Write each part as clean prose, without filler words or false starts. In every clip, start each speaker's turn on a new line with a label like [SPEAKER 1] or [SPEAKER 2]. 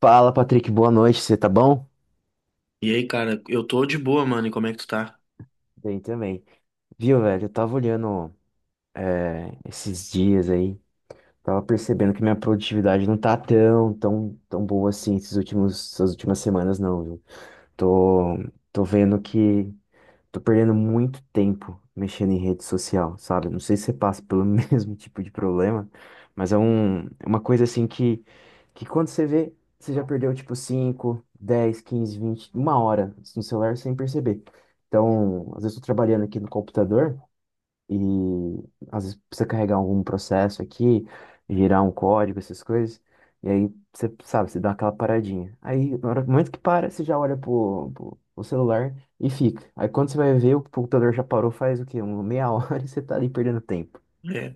[SPEAKER 1] Fala, Patrick, boa noite, você tá bom?
[SPEAKER 2] E aí, cara, eu tô de boa, mano. E como é que tu tá?
[SPEAKER 1] Bem também. Viu, velho, eu tava olhando esses dias aí, tava percebendo que minha produtividade não tá tão boa assim esses essas últimas semanas não, viu? Tô, tô vendo que tô perdendo muito tempo mexendo em rede social, sabe? Não sei se você passa pelo mesmo tipo de problema, mas é uma coisa assim que quando você vê, você já perdeu tipo 5, 10, 15, 20, uma hora no celular sem perceber. Então, às vezes eu tô trabalhando aqui no computador. E às vezes precisa carregar algum processo aqui, girar um código, essas coisas. E aí você sabe, você dá aquela paradinha. Aí, no momento que para, você já olha pro celular e fica. Aí quando você vai ver, o computador já parou faz o quê? Uma meia hora e você tá ali perdendo tempo.
[SPEAKER 2] É.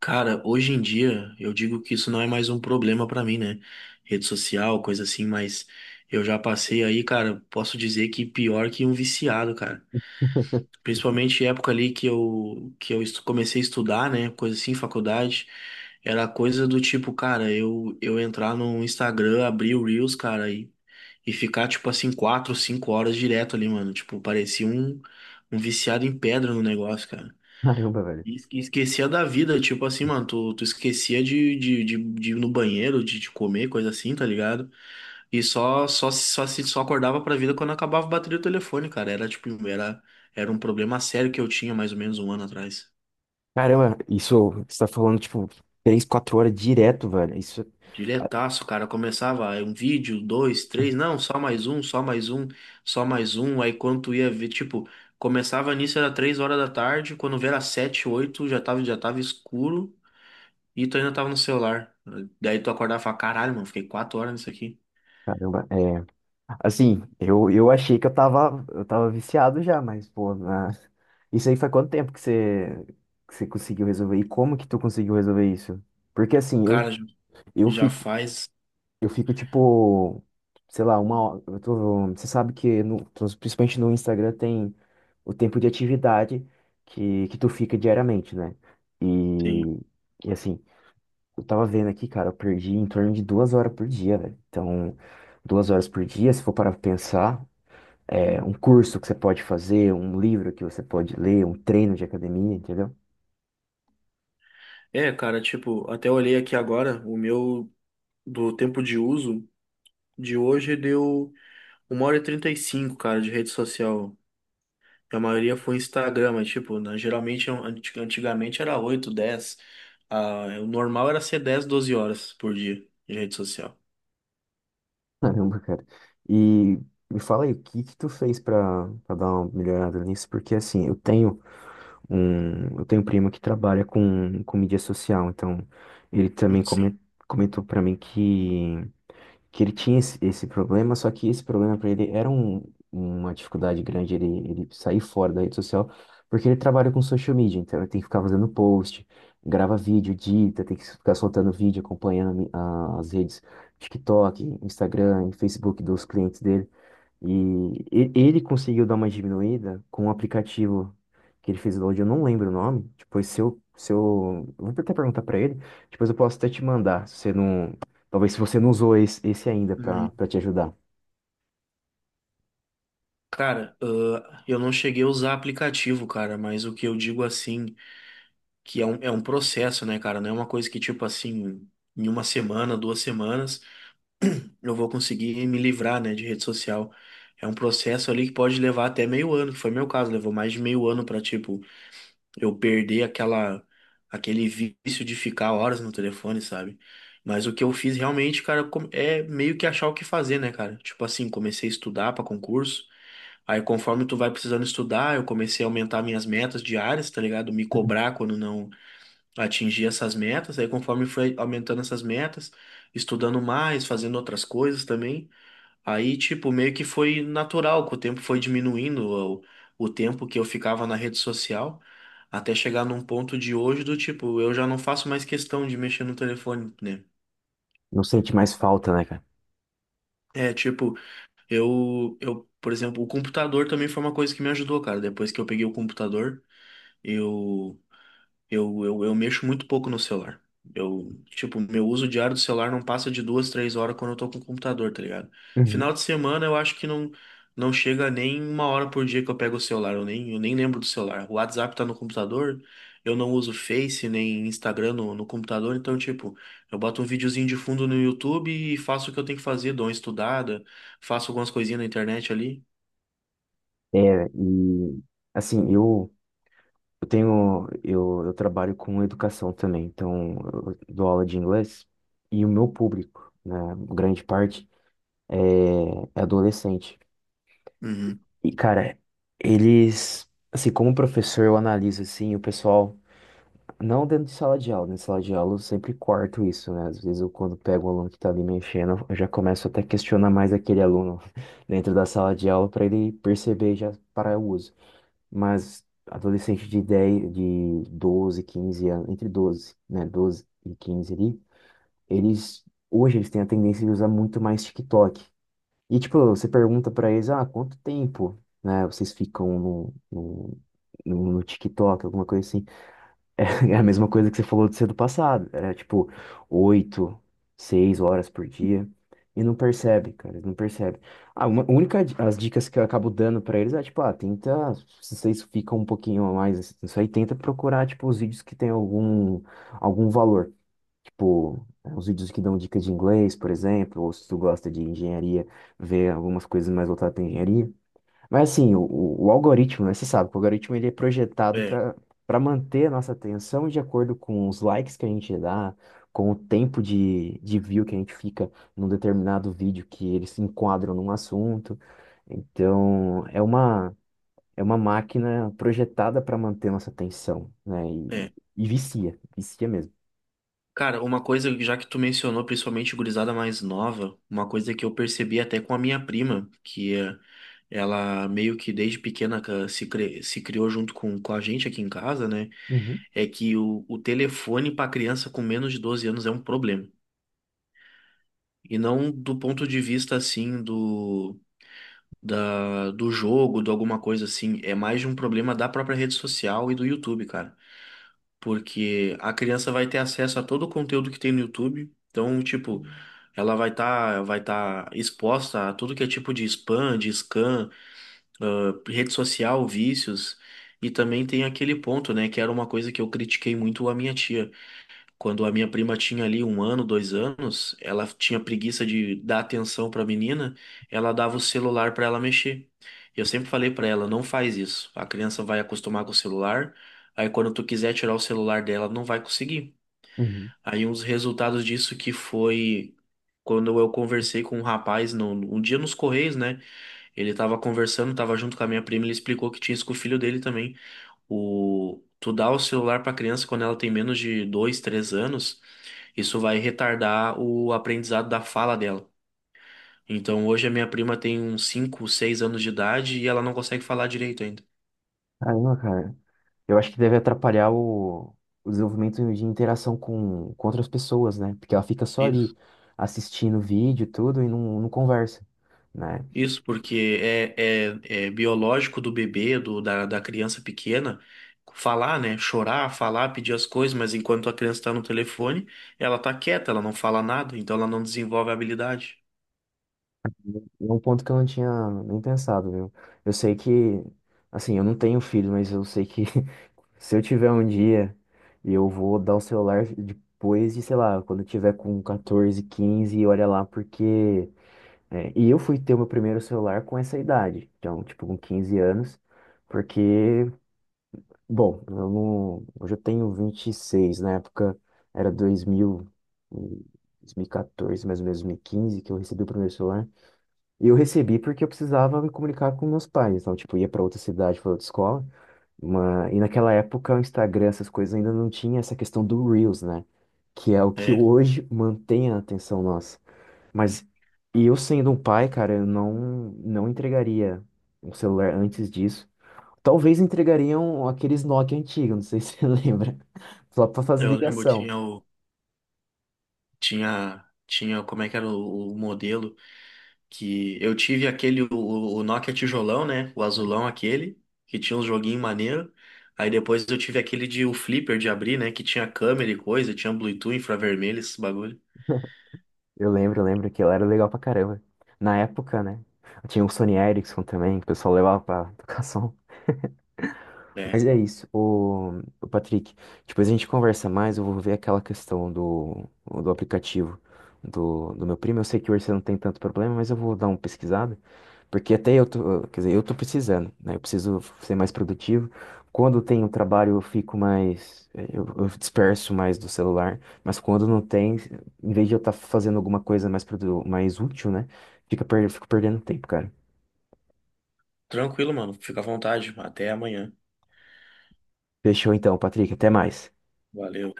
[SPEAKER 2] Cara, hoje em dia eu digo que isso não é mais um problema pra mim, né? Rede social, coisa assim, mas eu já passei aí, cara, posso dizer que pior que um viciado, cara. Principalmente época ali que eu comecei a estudar, né? Coisa assim, faculdade. Era coisa do tipo, cara, eu entrar no Instagram, abrir o Reels, cara, e ficar, tipo assim, 4, 5 horas direto ali, mano. Tipo, parecia um viciado em pedra no negócio, cara.
[SPEAKER 1] Caramba, velho.
[SPEAKER 2] Esquecia da vida, tipo assim, mano, tu esquecia de ir no banheiro, de comer, coisa assim, tá ligado? E só só só se só acordava pra vida quando acabava a bateria do telefone, cara. Era um problema sério que eu tinha mais ou menos um ano atrás.
[SPEAKER 1] Caramba, isso você tá falando, tipo, três quatro horas direto, velho. Isso, ah,
[SPEAKER 2] Diretaço, cara, começava aí um vídeo, dois, três, não, só mais um, só mais um, só mais um. Aí quando tu ia ver, tipo, começava nisso era 3 horas da tarde, quando vê era 7, 8, já tava escuro. E tu ainda tava no celular. Daí tu acordava e falava, caralho, mano, fiquei 4 horas nisso aqui.
[SPEAKER 1] caramba, é. Assim, eu achei que eu eu tava viciado já, mas, pô, isso aí faz quanto tempo que que você conseguiu resolver? E como que tu conseguiu resolver isso? Porque, assim,
[SPEAKER 2] Cara,
[SPEAKER 1] eu
[SPEAKER 2] já
[SPEAKER 1] fico,
[SPEAKER 2] faz.
[SPEAKER 1] eu fico, tipo, sei lá, uma hora, eu tô, você sabe que, no, principalmente no Instagram, tem o tempo de atividade que tu fica diariamente, né?
[SPEAKER 2] Sim.
[SPEAKER 1] E, e, assim, eu tava vendo aqui, cara, eu perdi em torno de 2 horas por dia, velho. Então, 2 horas por dia, se for para pensar é, um curso que você pode fazer, um livro que você pode ler, um treino de academia, entendeu?
[SPEAKER 2] É, cara, tipo, até olhei aqui agora, o meu do tempo de uso de hoje deu 1h35, cara, de rede social. A maioria foi Instagram, mas, tipo, né, geralmente, antigamente era 8, 10. Ah, o normal era ser 10, 12 horas por dia de rede social.
[SPEAKER 1] Caramba, cara. E me fala aí, o que que tu fez pra dar uma melhorada nisso? Porque assim, eu tenho eu tenho um primo que trabalha com mídia social, então ele também
[SPEAKER 2] Sim.
[SPEAKER 1] comentou pra mim que ele tinha esse problema, só que esse problema para ele era uma dificuldade grande ele sair fora da rede social, porque ele trabalha com social media, então ele tem que ficar fazendo post, grava vídeo, edita, tem que ficar soltando vídeo, acompanhando as redes TikTok, Instagram e Facebook dos clientes dele. E ele conseguiu dar uma diminuída com um aplicativo que ele fez o download, eu não lembro o nome. Depois, se eu, se eu, eu vou até perguntar pra ele, depois eu posso até te mandar, se você não, talvez se você não usou esse ainda
[SPEAKER 2] Uhum.
[SPEAKER 1] pra te ajudar.
[SPEAKER 2] Cara, ah, eu não cheguei a usar aplicativo, cara, mas o que eu digo assim. Que é um processo, né, cara? Não é uma coisa que, tipo assim, em uma semana, 2 semanas, eu vou conseguir me livrar, né, de rede social. É um processo ali que pode levar até meio ano, que foi meu caso, levou mais de meio ano pra, tipo, eu perder aquele vício de ficar horas no telefone, sabe? Mas o que eu fiz realmente, cara, é meio que achar o que fazer, né, cara? Tipo assim, comecei a estudar pra concurso. Aí, conforme tu vai precisando estudar, eu comecei a aumentar minhas metas diárias, tá ligado? Me cobrar quando não atingir essas metas. Aí, conforme foi aumentando essas metas, estudando mais, fazendo outras coisas também, aí, tipo, meio que foi natural, que o tempo foi diminuindo o, o tempo que eu ficava na rede social, até chegar num ponto de hoje do tipo, eu já não faço mais questão de mexer no telefone, né?
[SPEAKER 1] Não sente mais falta, né, cara?
[SPEAKER 2] É, tipo, por exemplo, o computador também foi uma coisa que me ajudou, cara. Depois que eu peguei o computador, eu. Eu mexo muito pouco no celular. Eu, tipo, meu uso diário do celular não passa de 2, 3 horas quando eu tô com o computador, tá ligado? Final
[SPEAKER 1] Uhum.
[SPEAKER 2] de semana eu acho que não, não chega nem uma hora por dia que eu pego o celular. Eu nem lembro do celular. O WhatsApp tá no computador, eu não uso Face nem Instagram no computador, então, tipo, eu boto um videozinho de fundo no YouTube e faço o que eu tenho que fazer, dou uma estudada, faço algumas coisinhas na internet ali.
[SPEAKER 1] É, e assim, eu trabalho com educação também, então eu dou aula de inglês e o meu público, né, grande parte, é, é adolescente.
[SPEAKER 2] Uhum.
[SPEAKER 1] E, cara, eles, assim, como professor, eu analiso, assim, o pessoal, não dentro de sala de aula, né? Sala de aula eu sempre corto isso, né? Às vezes eu, quando pego um aluno que tá ali mexendo, eu já começo até a questionar mais aquele aluno dentro da sala de aula para ele perceber e já parar o uso. Mas adolescente de 10 de 12 15 anos, entre 12 né? Doze e 15 ali, eles, hoje eles têm a tendência de usar muito mais TikTok. E, tipo, você pergunta pra eles, ah, quanto tempo, né, vocês ficam no TikTok, alguma coisa assim. É a mesma coisa que você falou de ser do passado. Era, tipo, oito, seis horas por dia. E não percebe, cara, não percebe. Ah, uma a as dicas que eu acabo dando pra eles é, tipo, ah, tenta, se vocês ficam um pouquinho a mais, isso aí, tenta procurar, tipo, os vídeos que tem algum valor. Tipo, uns vídeos que dão dicas de inglês, por exemplo, ou se tu gosta de engenharia, ver algumas coisas mais voltadas para engenharia. Mas assim, o algoritmo, né? Você sabe que o algoritmo ele é projetado
[SPEAKER 2] É,
[SPEAKER 1] para manter a nossa atenção de acordo com os likes que a gente dá, com o tempo de view que a gente fica num determinado vídeo que eles se enquadram num assunto. Então, é uma máquina projetada para manter nossa atenção, né?
[SPEAKER 2] é.
[SPEAKER 1] E vicia, vicia mesmo.
[SPEAKER 2] Cara, uma coisa, já que tu mencionou, principalmente gurizada mais nova, uma coisa que eu percebi até com a minha prima, que ela meio que desde pequena se criou junto com a gente aqui em casa, né?
[SPEAKER 1] Uhum.
[SPEAKER 2] É que o telefone para criança com menos de 12 anos é um problema. E não do ponto de vista assim do jogo, de alguma coisa assim. É mais de um problema da própria rede social e do YouTube, cara. Porque a criança vai ter acesso a todo o conteúdo que tem no YouTube. Então, tipo, ela vai tá exposta a tudo que é tipo de spam, de scam, ah, rede social, vícios. E também tem aquele ponto, né, que era uma coisa que eu critiquei muito a minha tia. Quando a minha prima tinha ali um ano, 2 anos, ela tinha preguiça de dar atenção para a menina, ela dava o celular para ela mexer. E eu sempre falei para ela, não faz isso. A criança vai acostumar com o celular, aí quando tu quiser tirar o celular dela, não vai conseguir.
[SPEAKER 1] Uhum.
[SPEAKER 2] Aí um dos resultados disso que foi quando eu conversei com um rapaz no, um dia nos Correios, né? Ele tava conversando, tava junto com a minha prima, ele explicou que tinha isso com o filho dele também. O, tu dá o celular pra criança quando ela tem menos de 2, 3 anos. Isso vai retardar o aprendizado da fala dela. Então, hoje a minha prima tem uns 5, 6 anos de idade e ela não consegue falar direito ainda.
[SPEAKER 1] Caramba, cara. Eu acho que deve atrapalhar o desenvolvimento de interação com outras pessoas, né? Porque ela fica só
[SPEAKER 2] Isso.
[SPEAKER 1] ali assistindo vídeo e tudo e não conversa, né?
[SPEAKER 2] Isso, porque é biológico do bebê, da criança pequena, falar, né? Chorar, falar, pedir as coisas, mas enquanto a criança está no telefone, ela tá quieta, ela não fala nada, então ela não desenvolve a habilidade.
[SPEAKER 1] É um ponto que eu não tinha nem pensado, viu? Eu sei que, assim, eu não tenho filho, mas eu sei que se eu tiver um dia e eu vou dar o celular depois de, sei lá, quando eu tiver com 14, 15 olha lá, porque é, e eu fui ter o meu primeiro celular com essa idade, então, tipo, com 15 anos. Porque bom, eu não, hoje eu tenho 26 na época era 2000, e 2014, mais ou menos 2015 que eu recebi o primeiro celular. E eu recebi porque eu precisava me comunicar com meus pais, então, tipo, eu ia para outra cidade, para outra escola. Mas, e naquela época o Instagram, essas coisas ainda não tinha essa questão do Reels, né? Que é o que
[SPEAKER 2] É,
[SPEAKER 1] hoje mantém a atenção nossa. Mas, e eu sendo um pai, cara, eu não, não entregaria um celular antes disso. Talvez entregariam aqueles Nokia antigos, não sei se você lembra. Só pra fazer
[SPEAKER 2] eu lembro,
[SPEAKER 1] ligação.
[SPEAKER 2] tinha, como é que era o modelo? Que eu tive aquele, o Nokia tijolão, né? O azulão aquele, que tinha um joguinho maneiro. Aí depois eu tive aquele de o flipper de abrir, né? Que tinha câmera e coisa, tinha Bluetooth, infravermelho, esses bagulho.
[SPEAKER 1] Eu lembro que ela era legal pra caramba. Na época, né? Tinha o Sony Ericsson também, que o pessoal levava pra educação.
[SPEAKER 2] É,
[SPEAKER 1] Mas é isso, o Patrick. Depois a gente conversa mais, eu vou ver aquela questão do aplicativo do meu primo. Eu sei que hoje você não tem tanto problema, mas eu vou dar uma pesquisada. Porque até eu tô, quer dizer, eu tô precisando, né? Eu preciso ser mais produtivo. Quando tem o trabalho, eu fico mais, eu disperso mais do celular, mas quando não tem, em vez de eu estar fazendo alguma coisa mais útil, né? Eu fico perdendo tempo, cara.
[SPEAKER 2] tranquilo, mano. Fica à vontade. Até amanhã.
[SPEAKER 1] Fechou então, Patrick, até mais.
[SPEAKER 2] Valeu.